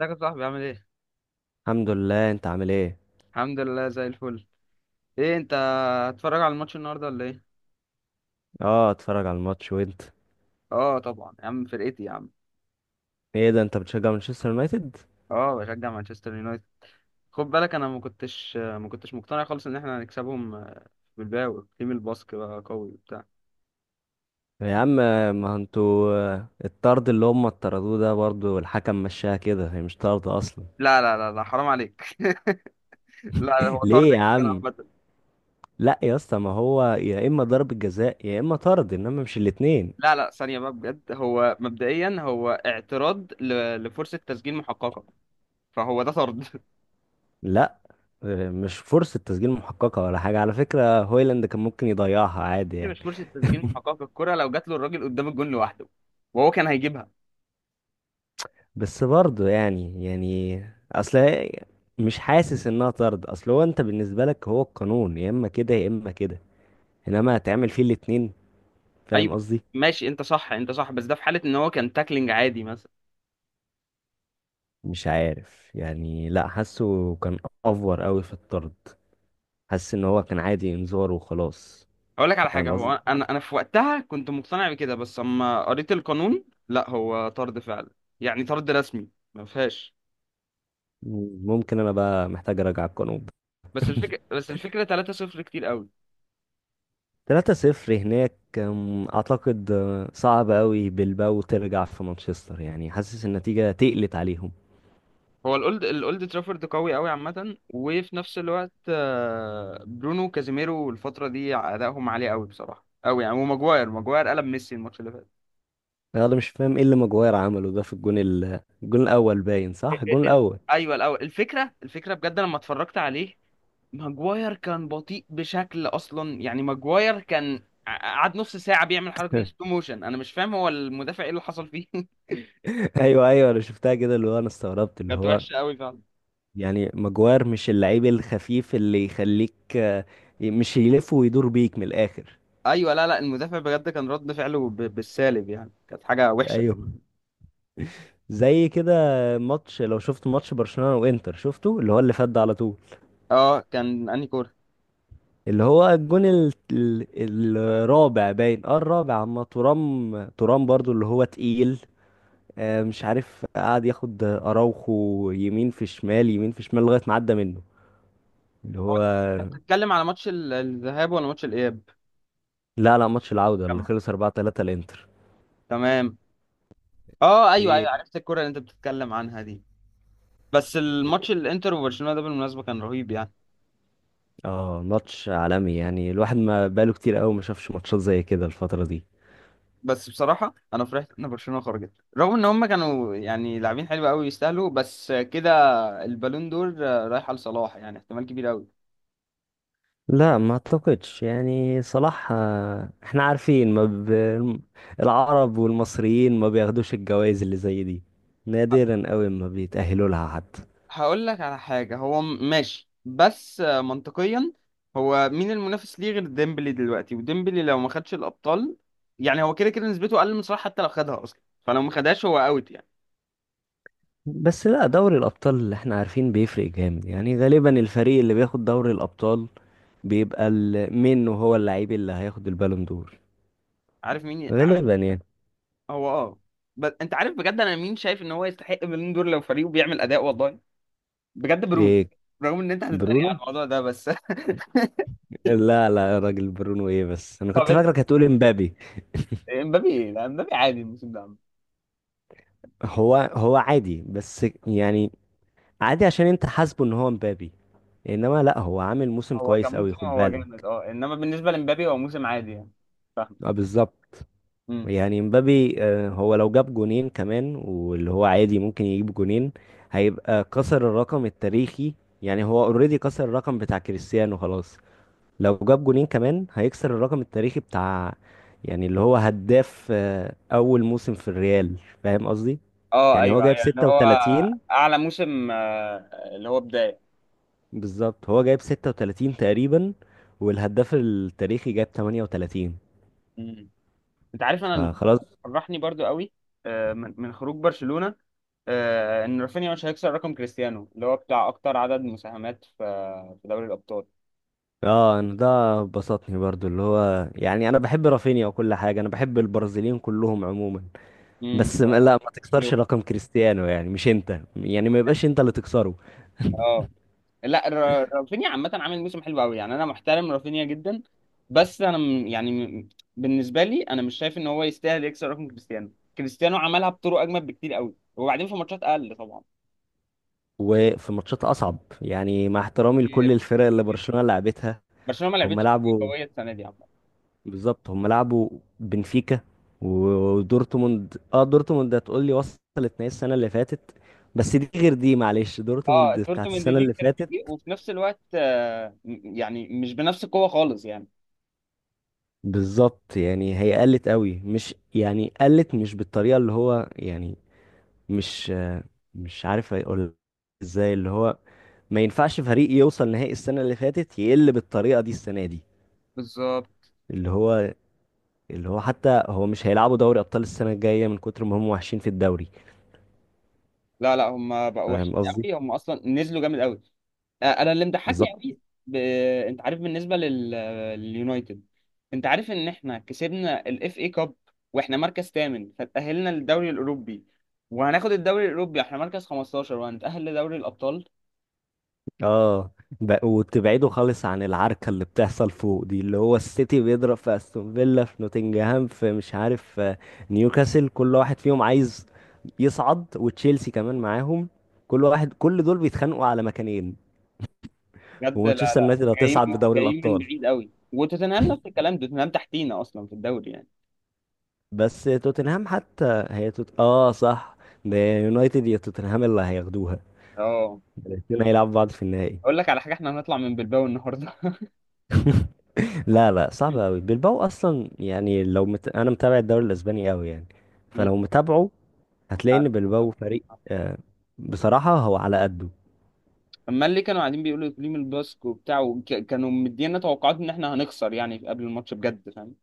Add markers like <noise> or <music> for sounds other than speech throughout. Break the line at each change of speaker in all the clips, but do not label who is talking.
ازيك يا صاحبي عامل ايه؟
الحمد لله. انت عامل ايه؟
الحمد لله زي الفل. ايه انت، هتتفرج على الماتش النهارده ولا ايه؟
اه، اتفرج على الماتش. وانت؟
اه طبعا يا عم، فرقتي يا عم.
ايه ده، انت بتشجع مانشستر يونايتد؟
اه بشجع مانشستر يونايتد. خد بالك انا ما كنتش مقتنع خالص ان احنا هنكسبهم. بالباو تيم الباسك بقى قوي وبتاع.
يا عم، ما انتوا الطرد اللي هم طردوه ده برضو الحكم مشاها كده، هي مش طرد اصلا.
لا لا لا لا، حرام عليك. <laughs> لا
<laughs>
هو طرد
ليه يا
جدا
عم؟
عامة.
لا يا اسطى، ما هو يا اما ضربة جزاء يا اما طرد، انما مش الاتنين.
لا لا، ثانية بقى بجد، هو مبدئيا هو اعتراض لفرصة تسجيل محققة، فهو ده طرد. <laughs>
لا، مش فرصة تسجيل محققة ولا حاجة على فكرة، هويلاند كان ممكن يضيعها عادي
دي
يعني.
مش فرصة تسجيل
<laughs>
محققة، الكرة لو جات له الراجل قدام الجون لوحده وهو كان هيجيبها.
بس برضه يعني يعني، اصل هي- مش حاسس انها طرد. اصل هو انت بالنسبه لك هو القانون يا اما كده يا اما كده، انما هتعمل فيه الاتنين. فاهم
ايوه
قصدي؟
ماشي، انت صح انت صح، بس ده في حاله ان هو كان تاكلينج عادي مثلا.
مش عارف يعني، لا حاسه كان افور قوي في الطرد، حاسس ان هو كان عادي انذار وخلاص.
اقول لك على حاجه،
فاهم قصدي؟
هو انا في وقتها كنت مقتنع بكده، بس اما قريت القانون لا هو طرد فعلا، يعني طرد رسمي، ما فيهاش.
ممكن انا بقى محتاج اراجع القانون.
بس
<laughs>
الفكره بس الفكره 3-0 كتير قوي.
3-0 هناك اعتقد صعب قوي بلباو ترجع في مانشستر، يعني حاسس النتيجه تقلت عليهم.
هو الاولد ترافورد قوي قوي عامه، وفي نفس الوقت برونو كازيميرو الفتره دي ادائهم عالي قوي بصراحه قوي يعني، وماجواير ماجواير قلب ميسي الماتش اللي فات.
انا مش فاهم ايه اللي ماجواير عمله ده في الجون الجون الاول، باين صح الجون
ال... ال...
الاول.
ايوه الاول، الفكره بجد لما اتفرجت عليه، ماجواير كان بطيء بشكل اصلا يعني. ماجواير كان قعد نص ساعه بيعمل حركه دي سلو
<laughs>
موشن، انا مش فاهم هو المدافع ايه اللي حصل فيه. <laughs>
ايوه ايوه، انا شفتها كده اللي هو، انا استغربت اللي
كانت
هو
وحشه قوي فعلا.
يعني. ماجواير مش اللعيب الخفيف اللي يخليك، مش يلف ويدور بيك من الاخر.
ايوه لا لا، المدافع بجد كان رد فعله بالسالب يعني، كانت حاجه وحشه.
ايوه، زي كده ماتش، لو شفت ماتش برشلونة وانتر شفته، اللي هو اللي فات ده على طول.
اه كان انهي كوره.
اللي هو الجون الرابع، باين اه الرابع، اما ترام ترام برضو اللي هو تقيل. مش عارف، قعد ياخد اراوخو يمين في شمال يمين في شمال لغايه ما عدى منه. اللي
هو
هو،
انت بتتكلم على ماتش الذهاب ولا ماتش الاياب؟
لا لا ماتش العوده اللي
جمع.
خلص 4-3 الانتر.
تمام. اه ايوه ايوه،
ايه؟
عرفت الكوره اللي انت بتتكلم عنها دي. بس الماتش الانتر وبرشلونه ده بالمناسبه كان رهيب يعني.
اه ماتش عالمي يعني، الواحد ما بقاله كتير قوي ما شافش ماتشات زي كده الفتره دي.
بس بصراحة أنا فرحت إن برشلونة خرجت، رغم إن هما كانوا يعني لاعبين حلو أوي، يستاهلوا بس كده. البالون دور رايح لصلاح، يعني احتمال كبير أوي.
لا ما اعتقدش يعني، صلاح، احنا عارفين ما ب... العرب والمصريين ما بياخدوش الجوائز اللي زي دي، نادرا قوي ما بيتأهلوا لها حد.
هقول لك على حاجة، هو ماشي بس منطقيا، هو مين المنافس ليه غير ديمبلي دلوقتي؟ وديمبلي لو ما خدش الأبطال يعني هو كده كده نسبته أقل من صلاح، حتى لو خدها أصلا، فلو ما خدهاش هو أوت يعني.
بس لا، دوري الأبطال اللي احنا عارفين بيفرق جامد يعني، غالبا الفريق اللي بياخد دوري الأبطال بيبقى منه هو اللعيب اللي هياخد البالون دور.
عارف مين عارف.
غالبا يعني.
هو أه. بس أنت عارف بجد، أنا مين شايف إن هو يستحق البالون دور لو فريقه بيعمل أداء؟ والله بجد برونو.
إيه؟
رغم ان انت هتتريق على
برونو؟
الموضوع ده بس. <laughs>
لا لا يا راجل، برونو ايه بس، انا
طب
كنت
انت،
فاكرك هتقول امبابي.
امبابي؟ لا امبابي عادي الموسم ده عامة.
هو هو عادي بس يعني، عادي عشان انت حاسبه ان هو امبابي، انما لا هو عامل موسم
هو كان
كويس قوي،
موسم
خد
هو جامد
بالك.
اه، انما بالنسبه لامبابي هو موسم عادي يعني، فاهم.
اه بالظبط.
امم.
يعني مبابي، هو لو جاب جونين كمان واللي هو عادي ممكن يجيب جونين، هيبقى كسر الرقم التاريخي. يعني هو اوريدي كسر الرقم بتاع كريستيانو خلاص. لو جاب جونين كمان هيكسر الرقم التاريخي بتاع، يعني اللي هو هداف اول موسم في الريال. فاهم قصدي؟
اه
يعني هو
ايوه
جايب
ايوه، اللي هو
36.
اعلى موسم اللي هو بدايه.
بالظبط هو جايب 36 تقريبا، والهداف التاريخي جايب 38،
امم. انت عارف انا اللي
فخلاص.
فرحني برضو قوي من خروج برشلونه، ان رافينيا مش هيكسر رقم كريستيانو اللي هو بتاع اكتر عدد مساهمات في دوري الابطال.
اه انا ده بسطني برضو، اللي هو يعني انا بحب رافينيا وكل حاجه، انا بحب البرازيليين كلهم عموما.
امم.
بس لا ما تكسرش رقم كريستيانو، يعني مش انت يعني، ما يبقاش انت اللي تكسره.
اه لا، رافينيا عامة عامل موسم حلو قوي يعني، انا محترم رافينيا جدا. بس انا يعني بالنسبة لي انا مش شايف ان هو يستاهل يكسر رقم كريستيانو. كريستيانو عملها بطرق اجمد بكتير قوي، وبعدين في ماتشات اقل طبعا.
وفي ماتشات اصعب يعني، مع احترامي لكل
كتير
الفرق اللي
كتير.
برشلونه لعبتها.
برشلونة ما
هم
لعبتش كتير
لعبوا،
قوية السنة دي عامة.
بالظبط هم لعبوا بنفيكا و- ودورتموند. اه دورتموند هتقول لي وصلت نهائي السنه اللي فاتت، بس دي غير دي، معلش، دورتموند
اه
بتاعت
دورتموند
السنه
دي
اللي
كتير
فاتت.
فيه، وفي نفس الوقت يعني مش بنفس القوة خالص يعني.
بالظبط يعني هي قلت قوي، مش يعني قلت مش بالطريقة اللي هو يعني. مش مش عارف اقول ازاي اللي هو، ما ينفعش فريق يوصل نهائي السنة اللي فاتت يقل بالطريقة دي السنة دي.
بالظبط.
اللي هو، اللي هو حتى هو مش هيلعبوا دوري أبطال السنة الجاية من كتر ما هم وحشين في الدوري.
لا لا، هم بقوا وحشين
فاهم قصدي؟
قوي، هم اصلا نزلوا جامد قوي. انا اللي مضحكني
بالظبط.
قوي ب... انت عارف بالنسبه لليونايتد. انت عارف ان احنا كسبنا الاف اي كاب، واحنا مركز ثامن فتأهلنا للدوري الاوروبي، وهناخد الدوري الاوروبي احنا مركز 15 وهنتأهل لدوري الابطال.
اه وتبعده خالص عن العركة اللي بتحصل فوق دي، اللي هو السيتي بيضرب في استون فيلا، في نوتنجهام، في مش عارف، في نيوكاسل. كل واحد فيهم عايز يصعد وتشيلسي كمان معاهم، كل واحد كل دول بيتخانقوا على مكانين.
بجد، لا
ومانشستر
لا،
يونايتد هتصعد
جايين
بدوري
جايين من
الأبطال.
بعيد قوي، وتوتنهام نفس الكلام، توتنهام تحتينا اصلا في الدوري يعني.
بس توتنهام حتى هي اه صح، ده يونايتد يا توتنهام اللي هياخدوها.
اه
الاتنين هيلعبوا بعض في النهائي.
اقول لك على حاجه، احنا هنطلع من بلباو النهارده.
لا لا صعب قوي
<laughs>
بلباو اصلا يعني، لو انا متابع الدوري الاسباني قوي يعني.
مم.
فلو متابعه، هتلاقي ان
عارف.
بلباو فريق، بصراحة هو على قده.
اما اللي كانوا قاعدين بيقولوا اقليم الباسك وبتاع كانوا مدينا توقعات ان احنا هنخسر يعني قبل الماتش بجد، فاهم.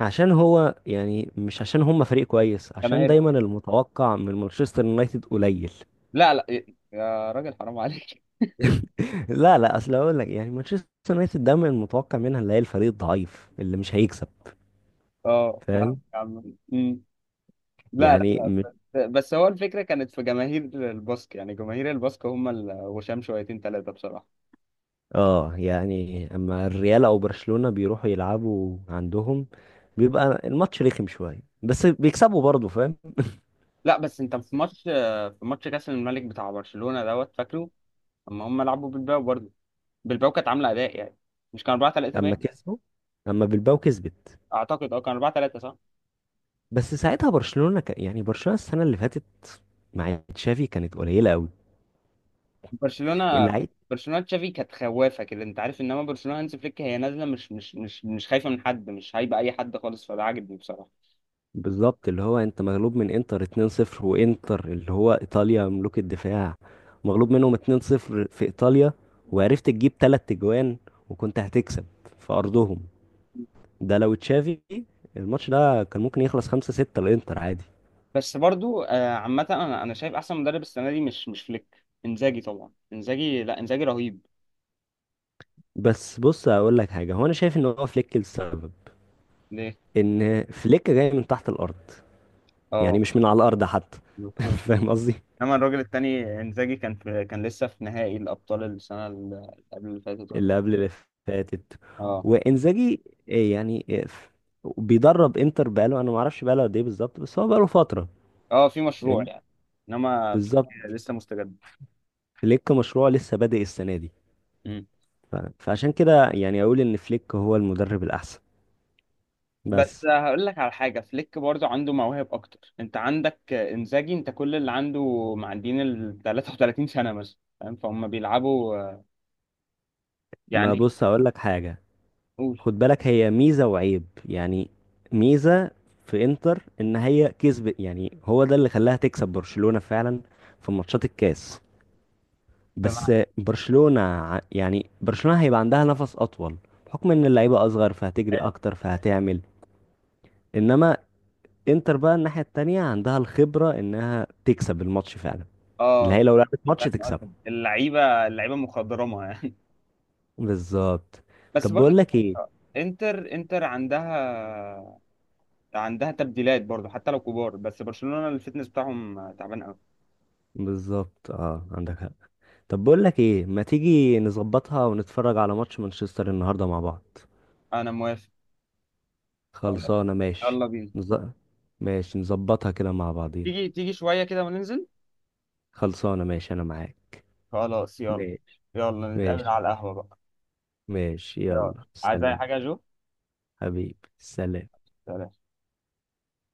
عشان هو يعني، مش عشان هم فريق كويس، عشان
جماهيرهم،
دايما المتوقع من مانشستر يونايتد قليل.
لا لا إيه، يا راجل حرام عليك. <laughs>
<laughs> لا لا، اصل اقول لك يعني مانشستر يونايتد دايما المتوقع منها اللي هي الفريق الضعيف اللي مش هيكسب.
اه فاهم
فاهم
يا عم. أمم. لا
يعني؟
لا، بس هو الفكره كانت في جماهير الباسك، يعني جماهير الباسك هم الغشام شويتين ثلاثه بصراحه.
اه، يعني اما الريال او برشلونة بيروحوا يلعبوا عندهم، بيبقى الماتش رخم شوية بس بيكسبوا برضه. فاهم؟
لا بس انت في ماتش كاس الملك بتاع برشلونه دوت، فاكره؟ اما هم لعبوا بالباو برضه، بالباو كانت عامله اداء يعني، مش كان 4-3
اما
باين؟
كسبوا، اما بالباو كسبت.
اعتقد اه كان 4-3 صح.
بس ساعتها برشلونة يعني برشلونة السنة اللي فاتت مع تشافي كانت قليلة قوي.
برشلونه،
اللعيب.
برشلونه تشافي كانت خوافه كده انت عارف، انما برشلونه هانز فليك هي نازله مش خايفه من حد، مش هايبه اي حد خالص، فده عاجبني بصراحه.
بالظبط اللي هو انت مغلوب من انتر 2-0، وانتر اللي هو ايطاليا ملوك الدفاع، مغلوب منهم 2-0 في ايطاليا، وعرفت تجيب تلات تجوان وكنت هتكسب في ارضهم. ده لو تشافي، الماتش ده كان ممكن يخلص 5-6 للانتر عادي.
بس برضو عامه انا شايف احسن مدرب السنه دي مش فليك، انزاجي طبعا، انزاجي، لا انزاجي رهيب.
بس بص اقول لك حاجه، هو انا شايف ان هو فليك السبب.
ليه؟
ان فليك جاي من تحت الارض، يعني
اه
مش من على الارض حتى.
مفهوم.
<laughs> فاهم قصدي؟
انما الراجل التاني انزاجي كان في كان لسه في نهائي الابطال السنه اللي قبل اللي فاتت، ولا؟
اللي قبل اللي فاتت.
اه
وانزاجي، إيه يعني إيه بيدرب انتر بقاله، انا ما اعرفش بقاله قد ايه بالظبط، بس هو بقاله فتره.
اه في مشروع
ال-
يعني، انما فليك
بالظبط،
لسه مستجد.
فليك مشروع لسه بادئ السنه دي. فعشان كده يعني اقول ان فليك هو المدرب الاحسن.
بس
بس
هقول لك على حاجة، فليك برضه عنده مواهب أكتر. أنت عندك إنزاجي، أنت كل اللي عنده معديين ال 33 سنة مثلا، فاهم، فهم بيلعبوا
ما
يعني.
بص اقول لك حاجه،
قول.
خد بالك هي ميزة وعيب يعني. ميزة في انتر ان هي كسبت، يعني هو ده اللي خلاها تكسب برشلونة فعلا في ماتشات الكاس. بس
سمعت.
برشلونة يعني برشلونة هيبقى عندها نفس اطول، بحكم ان اللعيبة اصغر فهتجري اكتر فهتعمل. انما انتر بقى الناحية التانية عندها الخبرة انها تكسب الماتش فعلا، اللي
اه
هي لو لعبت ماتش
فاهم
تكسبه.
قصدك، اللعيبة اللعيبة مخضرمة يعني.
بالظبط.
<laughs> بس
طب بقول
برضه
لك ايه؟
انتر عندها تبديلات برضه، حتى لو كبار، بس برشلونة الفتنس بتاعهم تعبان قوي.
بالظبط. اه عندك حق. طب بقول لك ايه، ما تيجي نظبطها ونتفرج على ماتش مانشستر النهارده مع بعض.
أنا موافق. خلاص
خلصانه ماشي.
يلا بينا.
نز... ماشي نظبطها كده مع بعضينا.
تيجي تيجي شوية كده وننزل.
خلصانه ماشي، انا معاك.
خلاص يلا.
ماشي.
يلا نتقابل
ماشي
على القهوة بقى.
ماشي،
يلا.
يلا
عايز اي
سلام.
حاجه يا جو؟
حبيبي سلام.
سلام.